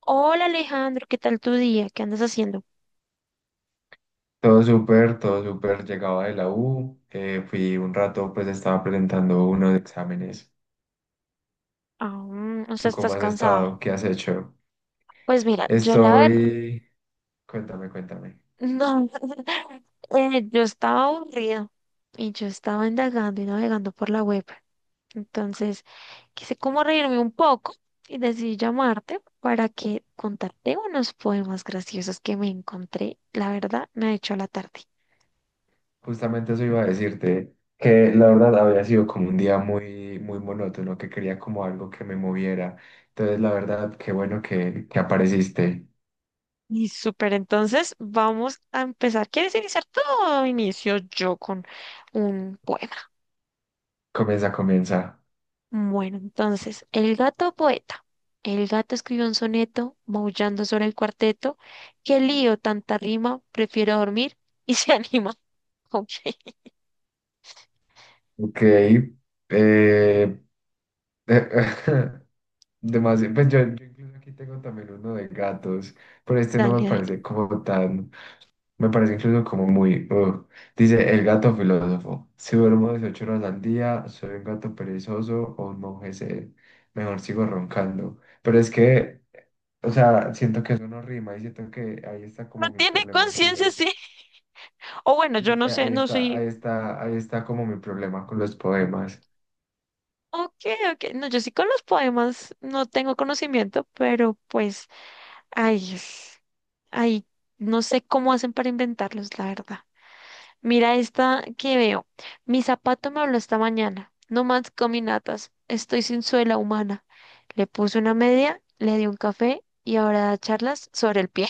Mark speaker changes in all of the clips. Speaker 1: Hola Alejandro, ¿qué tal tu día? ¿Qué andas haciendo?
Speaker 2: Todo súper, todo súper. Llegaba de la U, fui un rato, pues estaba presentando unos exámenes.
Speaker 1: Aún, o sea,
Speaker 2: ¿Tú cómo
Speaker 1: estás
Speaker 2: has
Speaker 1: cansado.
Speaker 2: estado? ¿Qué has hecho?
Speaker 1: Pues mira, yo la verdad,
Speaker 2: Estoy. Cuéntame, cuéntame.
Speaker 1: no, yo estaba aburrido y yo estaba indagando y navegando por la web. Entonces, quise como reírme un poco y decidí llamarte para que contarte unos poemas graciosos que me encontré. La verdad, me ha hecho la tarde.
Speaker 2: Justamente eso iba a decirte, que la verdad había sido como un día muy, muy monótono, que quería como algo que me moviera. Entonces, la verdad, qué bueno que apareciste.
Speaker 1: Y súper, entonces vamos a empezar. ¿Quieres iniciar tú o inicio yo con un poema?
Speaker 2: Comienza, comienza.
Speaker 1: Bueno, entonces, el gato poeta. El gato escribió un soneto maullando sobre el cuarteto. Qué lío, tanta rima, prefiero dormir y se anima. Ok,
Speaker 2: Ok. eh, eh, Demasiado, pues yo incluso aquí tengo también uno de gatos, pero este
Speaker 1: dale,
Speaker 2: no me
Speaker 1: dale.
Speaker 2: parece como tan, me parece incluso como muy. Dice el gato filósofo, si duermo 18 horas al día, ¿soy un gato perezoso o un monje sed? Mejor sigo roncando, pero es que, o sea, siento que eso no rima y siento que ahí está
Speaker 1: No
Speaker 2: como mi
Speaker 1: tiene
Speaker 2: problema con
Speaker 1: conciencia,
Speaker 2: los,
Speaker 1: sí. O bueno, yo no sé,
Speaker 2: ahí
Speaker 1: no
Speaker 2: está,
Speaker 1: soy.
Speaker 2: ahí está, ahí está como mi problema con los poemas.
Speaker 1: Ok, ok. No, yo sí con los poemas no tengo conocimiento, pero pues, ay, es- ay, no sé cómo hacen para inventarlos, la verdad. Mira esta que veo. Mi zapato me habló esta mañana. No más caminatas. Estoy sin suela humana. Le puse una media, le di un café y ahora da charlas sobre el pie.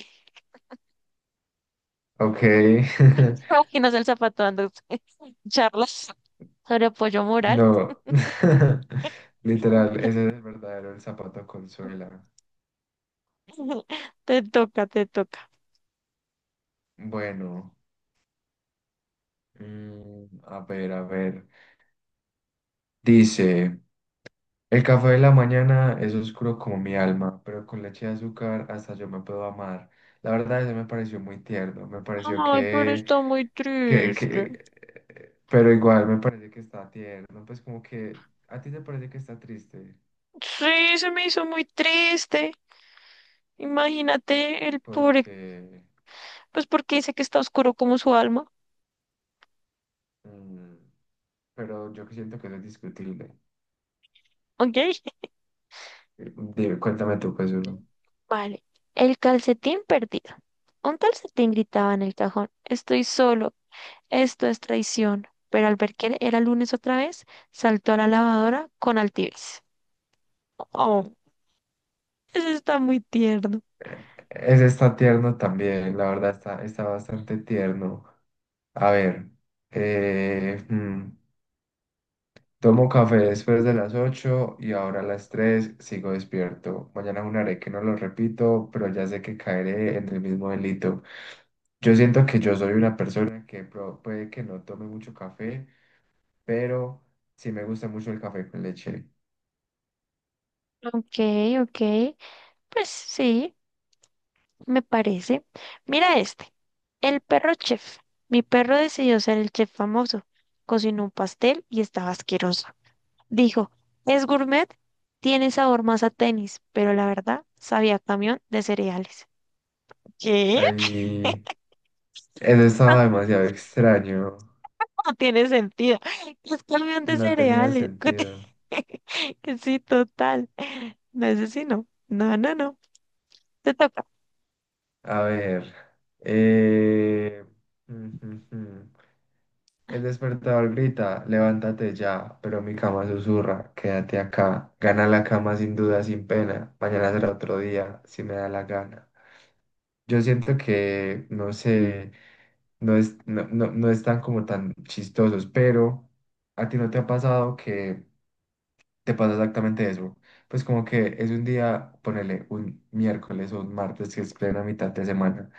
Speaker 2: Ok.
Speaker 1: ¿Te imaginas el zapato dando charlas sobre apoyo moral?
Speaker 2: No, literal, ese es el verdadero el zapato con suela.
Speaker 1: Te toca.
Speaker 2: Bueno, a ver, a ver. Dice, el café de la mañana es oscuro como mi alma, pero con leche de azúcar hasta yo me puedo amar. La verdad, eso me pareció muy tierno, me pareció
Speaker 1: Ay, pero
Speaker 2: que,
Speaker 1: está muy
Speaker 2: que,
Speaker 1: triste.
Speaker 2: que, pero igual me parece que está tierno, pues como que a ti te parece que está triste.
Speaker 1: Sí, se me hizo muy triste. Imagínate el pobre,
Speaker 2: Porque,
Speaker 1: pues porque dice que está oscuro como su alma.
Speaker 2: mm, pero yo que siento que eso es discutible.
Speaker 1: ¿Ok?
Speaker 2: Dime, cuéntame tú, pues uno.
Speaker 1: Vale, el calcetín perdido. Un calcetín gritaba en el cajón, estoy solo, esto es traición. Pero al ver que era lunes otra vez, saltó a la lavadora con altivez. Oh, eso está muy tierno.
Speaker 2: Eh, Ese está tierno también, la verdad está, está bastante tierno. A ver, eh, mm, tomo café después de las 8 y ahora a las 3 sigo despierto. Mañana haré que no lo repito, pero ya sé que caeré en el mismo delito. Yo siento que yo soy una persona que puede que no tome mucho café, pero sí me gusta mucho el café con leche.
Speaker 1: Ok, ok, pues sí, me parece. Mira este, el perro chef. Mi perro decidió ser el chef famoso. Cocinó un pastel y estaba asqueroso. Dijo, es gourmet, tiene sabor más a tenis, pero la verdad sabía a camión de cereales. ¿Qué?
Speaker 2: Ahí, eso estaba demasiado extraño.
Speaker 1: No tiene sentido. ¿Es camión de
Speaker 2: No tenía
Speaker 1: cereales?
Speaker 2: sentido.
Speaker 1: Que sí, total. No sé si no. No, no, no. Te toca.
Speaker 2: A ver. eh, mm, mm, mm. El despertador grita, levántate ya, pero mi cama susurra, quédate acá. Gana la cama sin duda, sin pena. Mañana será otro día, si me da la gana. Yo siento que, no sé, no es, no, no, no están como tan chistosos, pero ¿a ti no te ha pasado que te pasa exactamente eso? Pues como que es un día, ponele un miércoles o un martes que es plena mitad de semana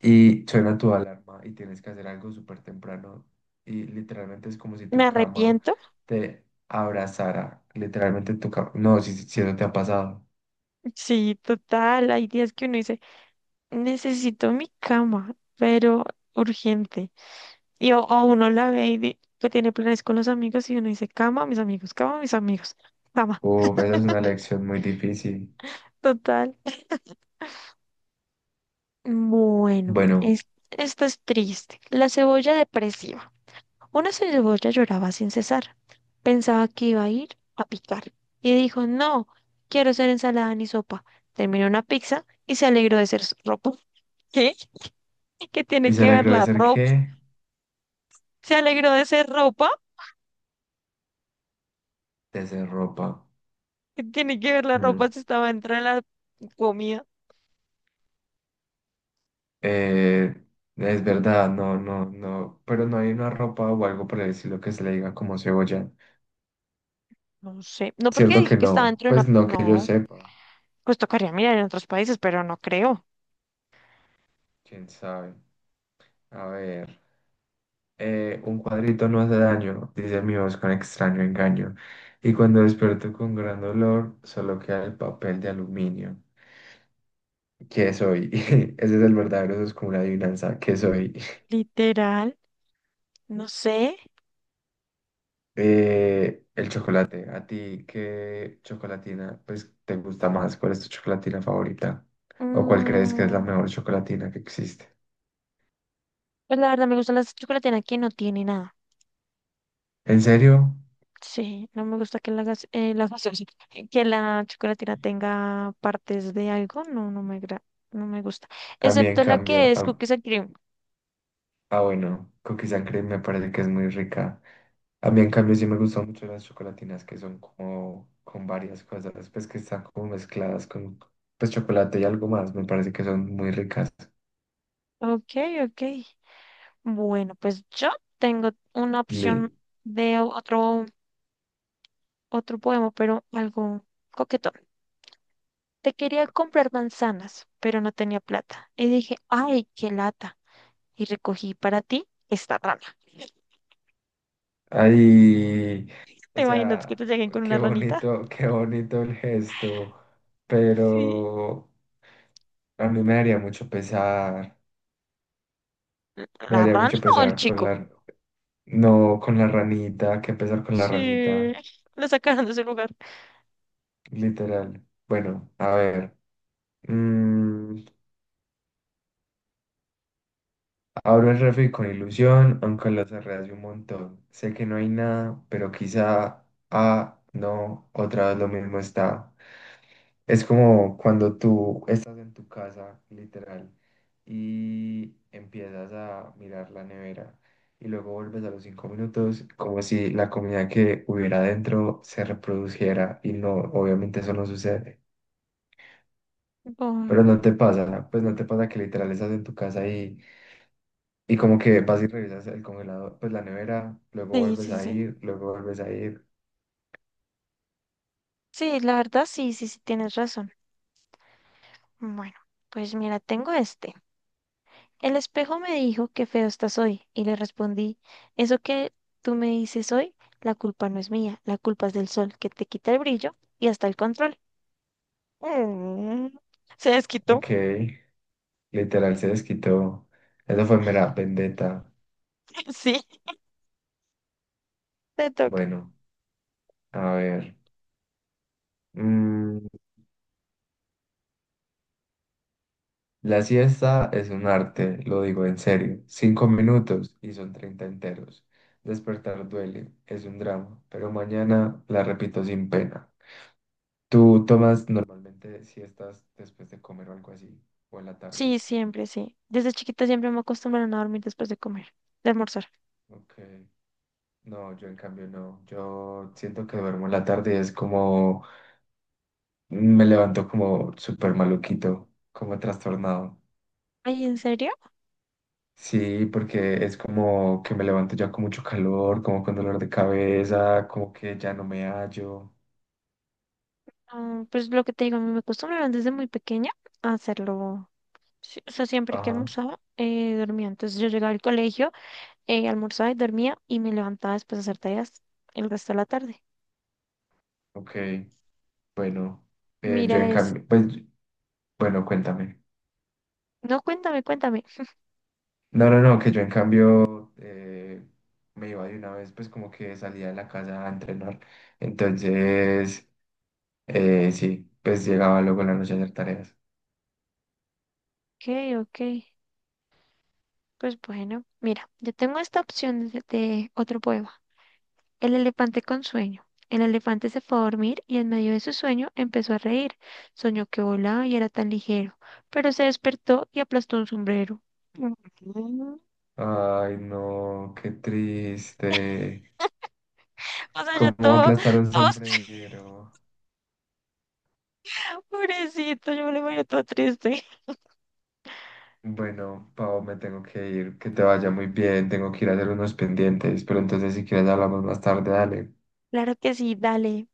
Speaker 2: y suena tu alarma y tienes que hacer algo súper temprano y literalmente es como si
Speaker 1: ¿Me
Speaker 2: tu cama
Speaker 1: arrepiento?
Speaker 2: te abrazara, literalmente tu cama. No, si eso te ha pasado,
Speaker 1: Sí, total. Hay días que uno dice, necesito mi cama, pero urgente. O uno la ve y que tiene planes con los amigos y uno dice, cama, mis amigos, cama, mis amigos, cama.
Speaker 2: uf, esa es una lección muy difícil,
Speaker 1: Total. Bueno,
Speaker 2: bueno,
Speaker 1: esto es triste. La cebolla depresiva. Una cebolla lloraba sin cesar. Pensaba que iba a ir a picar. Y dijo, no, quiero ser ensalada ni sopa. Terminó una pizza y se alegró de ser ropa. ¿Qué? ¿Qué
Speaker 2: y
Speaker 1: tiene
Speaker 2: se
Speaker 1: que ver
Speaker 2: alegró de
Speaker 1: la
Speaker 2: ser
Speaker 1: ropa?
Speaker 2: que
Speaker 1: ¿Se alegró de ser ropa?
Speaker 2: ropa.
Speaker 1: ¿Qué tiene que ver la
Speaker 2: Mm.
Speaker 1: ropa si estaba dentro de la comida?
Speaker 2: Eh, es verdad, no, no, no, pero no hay una ropa o algo por el estilo que se le diga como cebolla,
Speaker 1: No sé. No, porque
Speaker 2: cierto
Speaker 1: dijo
Speaker 2: que
Speaker 1: que estaba
Speaker 2: no,
Speaker 1: dentro de una...
Speaker 2: pues no que yo
Speaker 1: No,
Speaker 2: sepa,
Speaker 1: pues tocaría mirar en otros países, pero no creo.
Speaker 2: quién sabe, a ver. Un cuadrito no hace daño, dice mi voz con extraño engaño. Y cuando desperto con gran dolor, solo queda el papel de aluminio. ¿Qué soy? Ese es el verdadero, eso es como una adivinanza. ¿Qué soy?
Speaker 1: Literal. No sé.
Speaker 2: El chocolate. ¿A ti qué chocolatina pues, te gusta más? ¿Cuál es tu chocolatina favorita? ¿O cuál crees que es la
Speaker 1: Mm,
Speaker 2: mejor chocolatina que existe?
Speaker 1: pues la verdad me gusta la chocolatina que no tiene nada.
Speaker 2: ¿En serio?
Speaker 1: Sí, no me gusta que la que la chocolatina tenga partes de algo. No, no me gusta.
Speaker 2: A mí, en
Speaker 1: Excepto la que
Speaker 2: cambio,
Speaker 1: es cookies and cream.
Speaker 2: ah, bueno, cookie sangre me parece que es muy rica. A mí, en cambio, sí me gustan mucho las chocolatinas que son como con varias cosas, pues que están como mezcladas con pues, chocolate y algo más. Me parece que son muy ricas.
Speaker 1: Ok, ok. Bueno, pues yo tengo una
Speaker 2: Le-
Speaker 1: opción de otro, otro poema, pero algo coquetón. Te quería comprar manzanas, pero no tenía plata. Y dije, ay, qué lata. Y recogí para ti esta rana.
Speaker 2: Ay, o
Speaker 1: ¿Te imaginas que
Speaker 2: sea,
Speaker 1: te lleguen con una ranita?
Speaker 2: qué bonito el gesto,
Speaker 1: Sí.
Speaker 2: pero a mí me daría mucho pesar, me
Speaker 1: ¿La
Speaker 2: daría
Speaker 1: rana
Speaker 2: mucho
Speaker 1: o el
Speaker 2: pesar con
Speaker 1: chico?
Speaker 2: la, no, con la ranita, qué pesar con la
Speaker 1: Sí.
Speaker 2: ranita,
Speaker 1: Lo sacaron de su lugar.
Speaker 2: literal. Bueno, a ver. Mm, abro el refri con ilusión, aunque lo cerré hace un montón. Sé que no hay nada, pero quizá, ah, no, otra vez lo mismo está. Es como cuando tú estás en tu casa, literal, y empiezas a mirar la nevera y luego vuelves a los 5 minutos como si la comida que hubiera dentro se reproduciera y no, obviamente eso no sucede.
Speaker 1: Ay,
Speaker 2: Pero ¿no te pasa, pues no te pasa que literal estás en tu casa y como que vas y revisas el congelador, pues la nevera, luego
Speaker 1: sí,
Speaker 2: vuelves
Speaker 1: sí,
Speaker 2: a
Speaker 1: sí.
Speaker 2: ir, luego vuelves a ir?
Speaker 1: Sí, la verdad, sí, sí, sí, tienes razón. Bueno, pues mira, tengo este. El espejo me dijo que feo estás hoy y le respondí, eso que tú me dices hoy, la culpa no es mía, la culpa es del sol que te quita el brillo y hasta el control. Mm, se desquitó.
Speaker 2: Ok, literal se desquitó. Eso fue mera vendetta.
Speaker 1: Sí, te toca.
Speaker 2: Bueno, a ver. mm, la siesta es un arte, lo digo en serio. Cinco minutos y son 30 enteros. Despertar duele, es un drama, pero mañana la repito sin pena. ¿Tú tomas normalmente siestas después de comer o algo así? ¿O en la tarde?
Speaker 1: Sí, siempre, sí. Desde chiquita siempre me acostumbraron a dormir después de comer, de almorzar.
Speaker 2: Ok. No, yo en cambio no. Yo siento que duermo en la tarde y es como me levanto como súper maluquito, como trastornado.
Speaker 1: Ay, ¿en serio?
Speaker 2: Sí, porque es como que me levanto ya con mucho calor, como con dolor de cabeza, como que ya no me hallo.
Speaker 1: Ah, pues lo que te digo, a mí me acostumbraron desde muy pequeña a hacerlo. Sí, o sea, siempre que
Speaker 2: Ajá,
Speaker 1: almorzaba, dormía. Entonces yo llegaba al colegio, almorzaba y dormía y me levantaba después de hacer tareas el resto de la tarde.
Speaker 2: ok. Bueno, yo
Speaker 1: Mira,
Speaker 2: en
Speaker 1: es...
Speaker 2: cambio, pues, bueno, cuéntame.
Speaker 1: No, cuéntame, cuéntame.
Speaker 2: No, no, no, que yo en cambio me iba de una vez, pues como que salía de la casa a entrenar. Entonces. Sí, pues llegaba luego en la noche a hacer tareas.
Speaker 1: Ok, ok. Pues bueno, mira, yo tengo esta opción de otro poema. El elefante con sueño. El elefante se fue a dormir y en medio de su sueño empezó a reír. Soñó que volaba y era tan ligero, pero se despertó y aplastó un sombrero. Ujú.
Speaker 2: Ay, no, qué triste.
Speaker 1: O sea, yo
Speaker 2: ¿Cómo
Speaker 1: todo,
Speaker 2: aplastar un
Speaker 1: todo,
Speaker 2: sombrero?
Speaker 1: pobrecito, yo me lo imagino todo triste.
Speaker 2: Bueno, Pau, me tengo que ir. Que te vaya muy bien. Tengo que ir a hacer unos pendientes. Pero entonces, si quieres, hablamos más tarde. Dale.
Speaker 1: Claro que sí, dale.